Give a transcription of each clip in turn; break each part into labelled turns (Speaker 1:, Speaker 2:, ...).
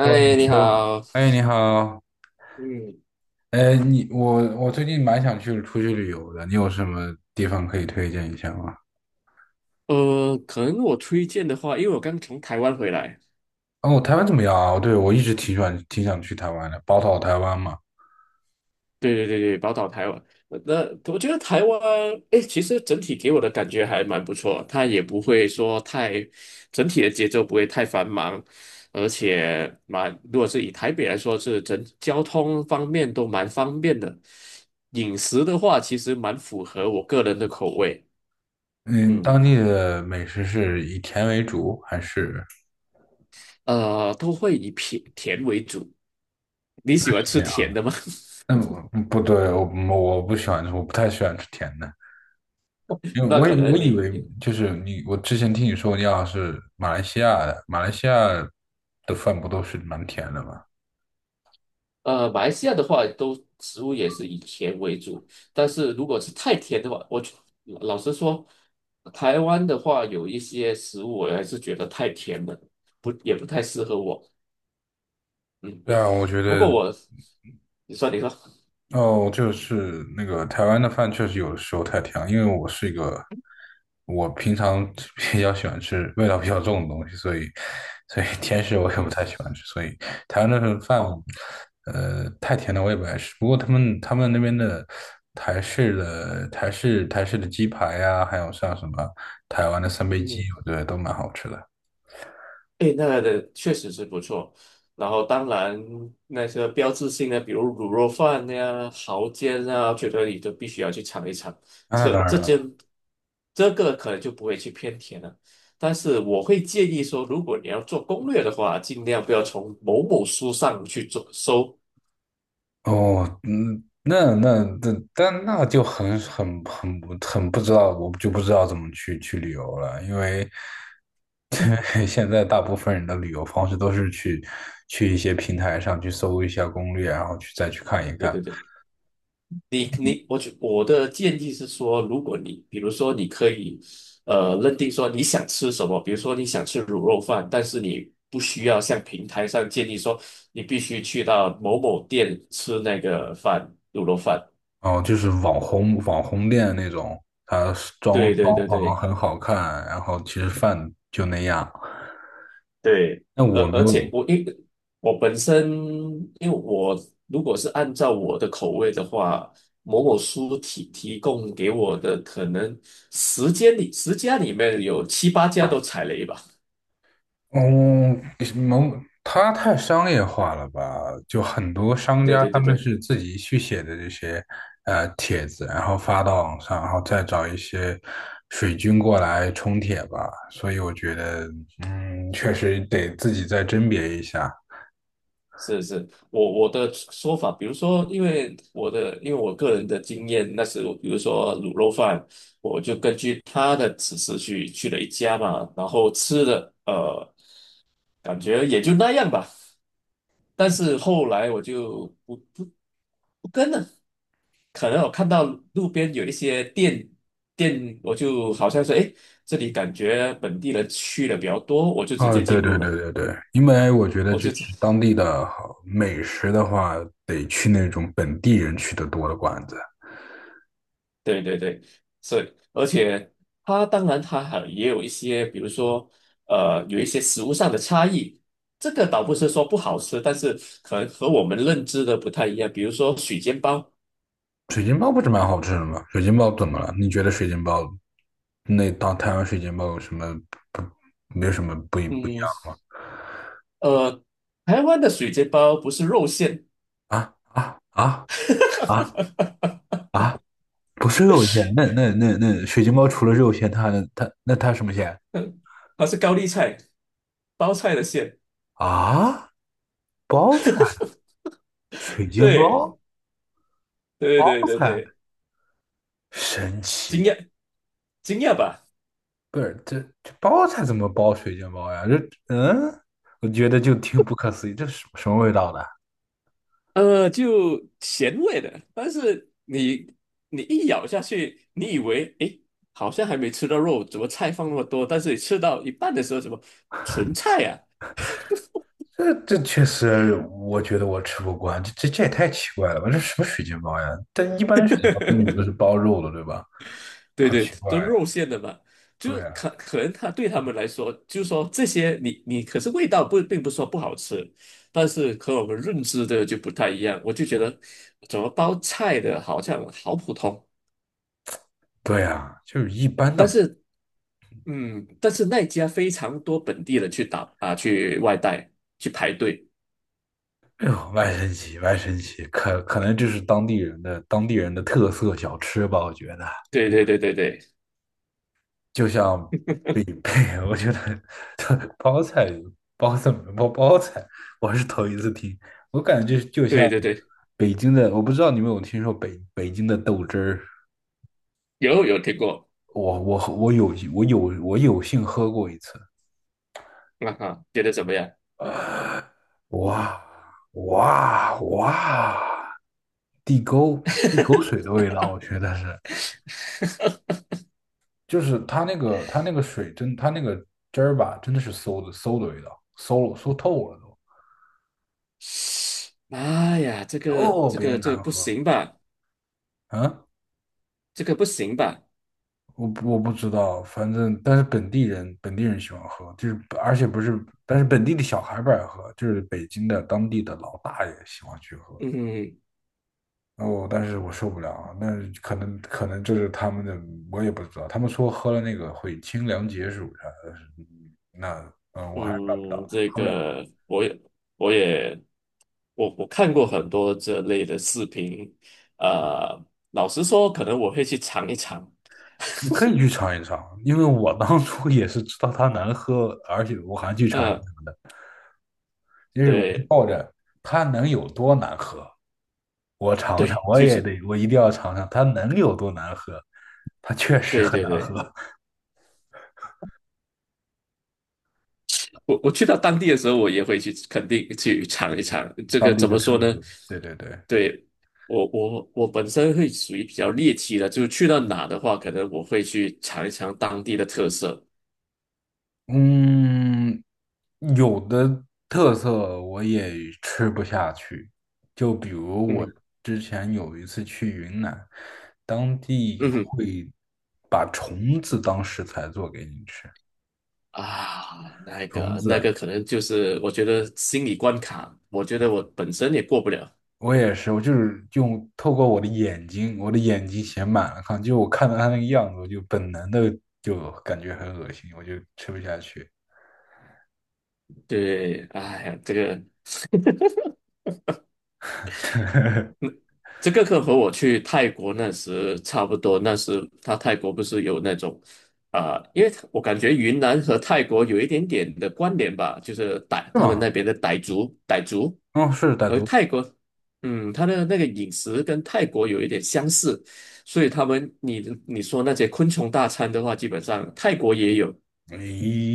Speaker 1: Hello，你
Speaker 2: 你
Speaker 1: 说，
Speaker 2: 好。
Speaker 1: 哎，你好，
Speaker 2: 嗯，
Speaker 1: 哎，我最近蛮想出去旅游的，你有什么地方可以推荐一下吗？
Speaker 2: 可能我推荐的话，因为我刚从台湾回来。
Speaker 1: 哦，台湾怎么样啊？哦对，我一直挺喜欢挺想去台湾的，宝岛台湾嘛。
Speaker 2: 对对对对，宝岛台湾。我觉得台湾，哎，其实整体给我的感觉还蛮不错，它也不会说太，整体的节奏不会太繁忙，而且蛮，如果是以台北来说，是整交通方面都蛮方便的。饮食的话，其实蛮符合我个人的口味。
Speaker 1: 嗯，
Speaker 2: 嗯，
Speaker 1: 当地的美食是以甜为主还是
Speaker 2: 都会以甜甜为主。你喜欢吃
Speaker 1: 怎样？
Speaker 2: 甜的吗？
Speaker 1: 嗯，不对，我我不喜欢，我不太喜欢吃甜的，因为
Speaker 2: 那
Speaker 1: 我
Speaker 2: 可
Speaker 1: 以我
Speaker 2: 能
Speaker 1: 以
Speaker 2: 你
Speaker 1: 为就是你，我之前听你说你好像是马来西亚的，马来西亚的饭不都是蛮甜的吗？
Speaker 2: 马来西亚的话，都食物也是以甜为主，但是如果是太甜的话，老实说，台湾的话有一些食物我还是觉得太甜了，不也不太适合我。嗯，
Speaker 1: 对啊，我觉
Speaker 2: 不
Speaker 1: 得。
Speaker 2: 过我，你说，
Speaker 1: 哦，就是那个台湾的饭确实有的时候太甜了，因为我是一个我平常 比较喜欢吃味道比较重的东西，所以 甜食我也不
Speaker 2: 嗯，
Speaker 1: 太喜欢吃，所以台湾的饭
Speaker 2: 哦，
Speaker 1: 太甜的我也不爱吃。不过他们那边的台式的鸡排呀、还有像什么台湾的三杯鸡，
Speaker 2: 嗯。
Speaker 1: 我觉得都蛮好吃的。
Speaker 2: 诶，那个的确实是不错。然后，当然那些标志性的，比如卤肉饭呀、蚝煎啊，觉得你都必须要去尝一尝。
Speaker 1: 啊那
Speaker 2: 这
Speaker 1: 当
Speaker 2: 这
Speaker 1: 然了，
Speaker 2: 间这个可能就不会去偏甜了。但是我会建议说，如果你要做攻略的话，尽量不要从某某书上去做搜。
Speaker 1: 哦，嗯，那那那，但那就很不知道，我就不知道怎么去旅游了，因为 现在大部分人的旅游方式都是去一些平台上去搜一下攻略，然后再去看一
Speaker 2: 对
Speaker 1: 看，
Speaker 2: 对对。你，我的建议是说，如果你比如说你可以，呃，认定说你想吃什么，比如说你想吃卤肉饭，但是你不需要像平台上建议说你必须去到某某店吃那个饭，卤肉饭。
Speaker 1: 哦，就是网红店那种，它是装
Speaker 2: 对对
Speaker 1: 装
Speaker 2: 对
Speaker 1: 潢
Speaker 2: 对
Speaker 1: 很好看，然后其实饭就那样。
Speaker 2: 对，
Speaker 1: 那
Speaker 2: 而
Speaker 1: 我没
Speaker 2: 而且
Speaker 1: 有，
Speaker 2: 我因为我本身，因为我如果是按照我的口味的话，某某书提供给我的可能十间里十家里面有七八家都踩雷吧。
Speaker 1: 嗯，它太商业化了吧？就很多商
Speaker 2: 对
Speaker 1: 家
Speaker 2: 对
Speaker 1: 他
Speaker 2: 对
Speaker 1: 们
Speaker 2: 对，
Speaker 1: 是自己去写的这些帖子，然后发到网上，然后再找一些水军过来冲帖吧。所以我觉得，嗯，确实得自己再甄别一下。
Speaker 2: 是是，我的说法，比如说，因为我的因为我个人的经验，那时我比如说卤肉饭，我就根据他的指示去了一家嘛，然后吃的呃，感觉也就那样吧。但是后来我就不跟了，可能我看到路边有一些店，我就好像说，诶，这里感觉本地人去的比较多，我就直
Speaker 1: 啊，
Speaker 2: 接
Speaker 1: 对
Speaker 2: 进
Speaker 1: 对
Speaker 2: 入
Speaker 1: 对
Speaker 2: 了，
Speaker 1: 对对，因为我觉得就
Speaker 2: 我就
Speaker 1: 是 当地的好美食的话，得去那种本地人去的多的馆子。
Speaker 2: 对对对，是，而且它当然它还也有一些，比如说呃，有一些食物上的差异，这个倒不是说不好吃，但是可能和我们认知的不太一样。比如说水煎包。
Speaker 1: 水晶包不是蛮好吃的吗？水晶包怎么了？你觉得水晶包那当台湾水晶包有什么不没有什么不一不一
Speaker 2: 嗯，
Speaker 1: 样吗？
Speaker 2: 呃，台湾的水煎包不是肉馅，
Speaker 1: 啊啊啊啊 啊！不是肉馅，那水晶包除了肉馅，它还能它什么馅
Speaker 2: 它是高丽菜包菜的馅。
Speaker 1: 啊？包菜，水晶
Speaker 2: 对
Speaker 1: 包
Speaker 2: 对
Speaker 1: 包
Speaker 2: 对对
Speaker 1: 菜，
Speaker 2: 对，
Speaker 1: 神
Speaker 2: 惊
Speaker 1: 奇！
Speaker 2: 讶惊讶吧？
Speaker 1: 不是这包菜怎么包水晶包呀？嗯，我觉得就挺不可思议，这是什么味道的？
Speaker 2: 呃，就咸味的，但是你一咬下去，你以为诶，好像还没吃到肉，怎么菜放那么多？但是你吃到一半的时候，什么纯菜啊？
Speaker 1: 这确实，我觉得我吃不惯，这也太奇怪了吧？这什么水煎包呀？但一般的水煎包里面都是包肉的，对吧？
Speaker 2: 对
Speaker 1: 好
Speaker 2: 对，
Speaker 1: 奇怪
Speaker 2: 都
Speaker 1: 呀！
Speaker 2: 肉馅的嘛，就
Speaker 1: 对呀，
Speaker 2: 可可能他对他们来说，就说这些你可是味道不并不是说不好吃，但是和我们认知的就不太一样，我就觉得怎么包菜的好像好普通。
Speaker 1: 对呀，就是一般
Speaker 2: 但
Speaker 1: 的。
Speaker 2: 是嗯，但是那家非常多本地人去打啊，去外带去排队。
Speaker 1: 哎呦，外神奇，外神奇，可能这是当地人的特色小吃吧？我觉得，
Speaker 2: 对对对对对
Speaker 1: 就像北北 我觉得包菜包子包包菜，我是头一次听，我感觉就像
Speaker 2: 对对对，
Speaker 1: 北京的，我不知道你们有没有听说北京的豆汁儿。
Speaker 2: 有有听过，
Speaker 1: 我我我有我有我有幸喝过一次，
Speaker 2: 啊哈，觉得怎么样？
Speaker 1: 哇哇哇！地沟地沟水的味道，我觉得是，就是它那个汁儿吧，真的是馊的味道，馊透了都，
Speaker 2: 妈呀，这个
Speaker 1: 特
Speaker 2: 这
Speaker 1: 别
Speaker 2: 个这个
Speaker 1: 难
Speaker 2: 不
Speaker 1: 喝。
Speaker 2: 行吧？
Speaker 1: 嗯，
Speaker 2: 这个不行吧？
Speaker 1: 我不知道，反正但是本地人喜欢喝，就是而且不是，但是本地的小孩不爱喝，就是北京的当地的老大爷喜欢去喝。
Speaker 2: 嗯
Speaker 1: 哦，但是我受不了啊，那可能这是他们的，我也不知道。他们说喝了那个会清凉解暑啥的，嗯那我还是办不
Speaker 2: 嗯，
Speaker 1: 到，
Speaker 2: 这
Speaker 1: 喝不了。
Speaker 2: 个我也看过很多这类的视频，呃，老实说，可能我会去尝一尝。
Speaker 1: 你可以去尝一尝，因为我当初也是知道它难喝，而且我还去尝一
Speaker 2: 呃，
Speaker 1: 尝的，因为我是
Speaker 2: 对
Speaker 1: 抱着它能有多难喝，我尝尝，
Speaker 2: 对，
Speaker 1: 我
Speaker 2: 就
Speaker 1: 也
Speaker 2: 是
Speaker 1: 得，我一定要尝尝它能有多难喝。它确实
Speaker 2: 对
Speaker 1: 很
Speaker 2: 对
Speaker 1: 难喝，
Speaker 2: 对。我去到当地的时候，我也会去肯定去尝一尝。这个
Speaker 1: 当地
Speaker 2: 怎
Speaker 1: 的
Speaker 2: 么说
Speaker 1: 特
Speaker 2: 呢？
Speaker 1: 色。对对对。
Speaker 2: 对，我本身会属于比较猎奇的，就是去到哪的话，可能我会去尝一尝当地的特色。
Speaker 1: 嗯，有的特色我也吃不下去，就比如我
Speaker 2: 嗯
Speaker 1: 之前有一次去云南，当地
Speaker 2: 嗯哼
Speaker 1: 会把虫子当食材做给你吃。
Speaker 2: 啊，那
Speaker 1: 虫
Speaker 2: 个那
Speaker 1: 子，
Speaker 2: 个可能就是我觉得心理关卡，我觉得我本身也过不了。
Speaker 1: 我也是，我就是透过我的眼睛，我的眼睛写满了看，就我看到它那个样子，我就本能的就感觉很恶心，我就吃不下去。
Speaker 2: 对，哎呀，这个 这个课和我去泰国那时差不多，那时他泰国不是有那种啊、因为我感觉云南和泰国有一点点的关联吧，就是傣
Speaker 1: 是
Speaker 2: 他们那
Speaker 1: 吗？
Speaker 2: 边的傣族，傣族，
Speaker 1: 嗯，是傣
Speaker 2: 而
Speaker 1: 族。
Speaker 2: 泰国，嗯，他的那个饮食跟泰国有一点相似，所以他们你说那些昆虫大餐的话，基本上泰国也有，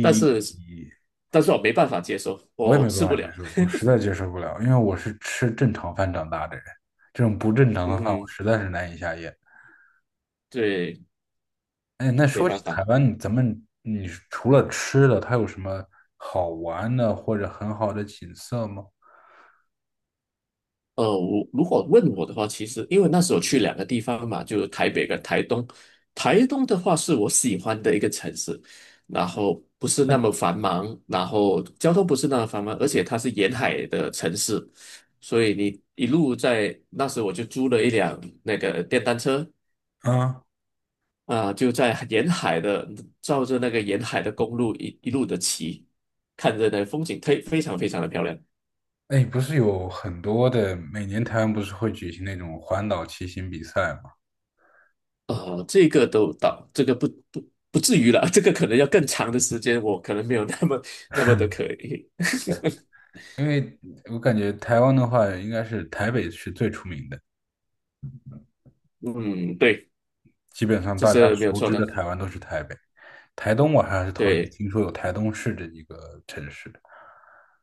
Speaker 2: 但是
Speaker 1: 哎
Speaker 2: 但是我没办法接受，
Speaker 1: 我也
Speaker 2: 我
Speaker 1: 没办
Speaker 2: 吃
Speaker 1: 法
Speaker 2: 不
Speaker 1: 接
Speaker 2: 了。
Speaker 1: 受，我实在接受不了，因为我是吃正常饭长大的人，这种不正常的饭我
Speaker 2: 嗯，
Speaker 1: 实在是难以下咽。
Speaker 2: 对，
Speaker 1: 哎，那
Speaker 2: 没
Speaker 1: 说起
Speaker 2: 办
Speaker 1: 台
Speaker 2: 法。
Speaker 1: 湾，你咱们你除了吃的，它有什么好玩的或者很好的景色吗？
Speaker 2: 呃，我如果问我的话，其实因为那时候去两个地方嘛，就是台北跟台东。台东的话是我喜欢的一个城市，然后不是那么繁忙，然后交通不是那么繁忙，而且它是沿海的城市，所以你一路在那时候我就租了一辆那个电单车
Speaker 1: 啊，
Speaker 2: 啊、就在沿海的照着那个沿海的公路一路的骑，看着那风景，非常非常的漂亮。
Speaker 1: 哎，不是有很多的，每年台湾不是会举行那种环岛骑行比赛吗？
Speaker 2: 呃，这个都到，这个不至于了，这个可能要更长的时间，我可能没有那么那么的可以。
Speaker 1: 因为我感觉台湾的话，应该是台北是最出名的。
Speaker 2: 嗯，对，
Speaker 1: 基本上
Speaker 2: 这
Speaker 1: 大家
Speaker 2: 是没有
Speaker 1: 熟
Speaker 2: 错
Speaker 1: 知的
Speaker 2: 的。
Speaker 1: 台湾都是台北，台东我还是头一次
Speaker 2: 对，
Speaker 1: 听说有台东市这一个城市的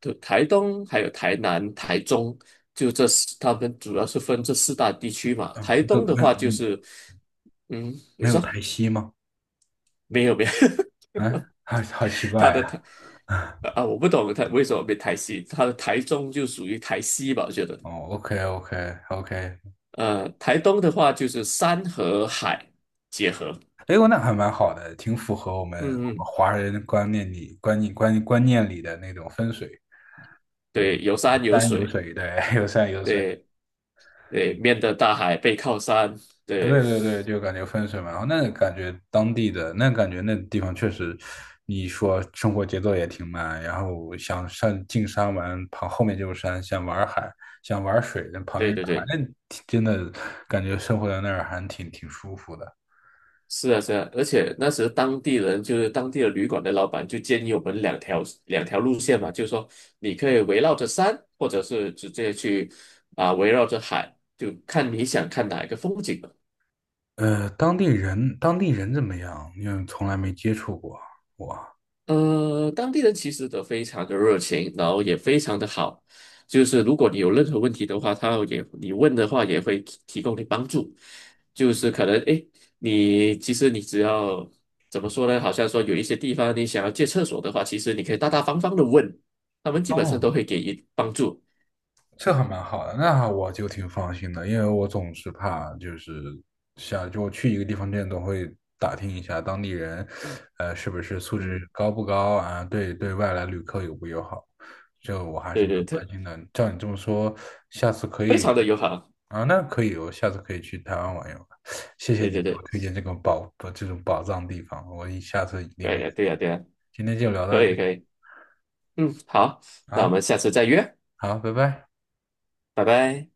Speaker 2: 就台东还有台南、台中，就这四，他们主要是分这四大地区嘛。
Speaker 1: 啊，
Speaker 2: 台
Speaker 1: 没有
Speaker 2: 东的
Speaker 1: 没有
Speaker 2: 话就是，嗯，你
Speaker 1: 没有
Speaker 2: 说
Speaker 1: 台西吗？
Speaker 2: 没有没有，
Speaker 1: 嗯，好奇
Speaker 2: 他
Speaker 1: 怪
Speaker 2: 的
Speaker 1: 呀、
Speaker 2: 台 啊，我不懂他为什么被台西，他的台中就属于台西吧，我觉得。
Speaker 1: 哦，OK OK OK，
Speaker 2: 呃，台东的话就是山和海结合。
Speaker 1: 哎呦，那还蛮好的，挺符合我们
Speaker 2: 嗯嗯，
Speaker 1: 华人观念里的那种分水，
Speaker 2: 对，有山有
Speaker 1: 山有
Speaker 2: 水。
Speaker 1: 水，对，有山有水。
Speaker 2: 对对，面的大海，背靠山，对
Speaker 1: 对对对，就感觉分水嘛，然后那感觉当地的那感觉那地方确实，你说生活节奏也挺慢，然后想上进山玩，旁后面就是山，想玩海，想玩水，那旁边
Speaker 2: 对
Speaker 1: 是
Speaker 2: 对
Speaker 1: 海，
Speaker 2: 对，
Speaker 1: 那挺真的感觉生活在那儿还挺舒服的。
Speaker 2: 是啊是啊，而且那时当地人就是当地的旅馆的老板就建议我们两条路线嘛，就是说你可以围绕着山，或者是直接去啊、围绕着海，就看你想看哪一个风景。
Speaker 1: 当地人怎么样？因为从来没接触过我。
Speaker 2: 呃，当地人其实都非常的热情，然后也非常的好。就是如果你有任何问题的话，他也你问的话也会提供你帮助。就是可能诶，你其实你只要怎么说呢？好像说有一些地方你想要借厕所的话，其实你可以大大方方的问，他们基本上
Speaker 1: 哦
Speaker 2: 都会给予帮助。
Speaker 1: 这还蛮好的，那我就挺放心的，因为我总是怕就是想就去一个地方之前总会打听一下当地人，是不是素质
Speaker 2: 嗯，
Speaker 1: 高不高啊？对外来旅客友不友好，这我还是
Speaker 2: 对
Speaker 1: 蛮
Speaker 2: 对，
Speaker 1: 关
Speaker 2: 特
Speaker 1: 心的。照你这么说，下次可
Speaker 2: 非
Speaker 1: 以
Speaker 2: 常的友好。
Speaker 1: 啊，那可以，我下次可以去台湾玩一玩。谢谢
Speaker 2: 对
Speaker 1: 你
Speaker 2: 对
Speaker 1: 给我
Speaker 2: 对，
Speaker 1: 推荐这个宝不这种宝藏地方，我下次一定会
Speaker 2: 对呀对
Speaker 1: 去
Speaker 2: 呀
Speaker 1: 的。
Speaker 2: 对呀，
Speaker 1: 今天就聊到
Speaker 2: 可
Speaker 1: 这
Speaker 2: 以可以。嗯，好，
Speaker 1: 儿
Speaker 2: 那我
Speaker 1: 啊，
Speaker 2: 们下次再约，
Speaker 1: 好，拜拜。
Speaker 2: 拜拜。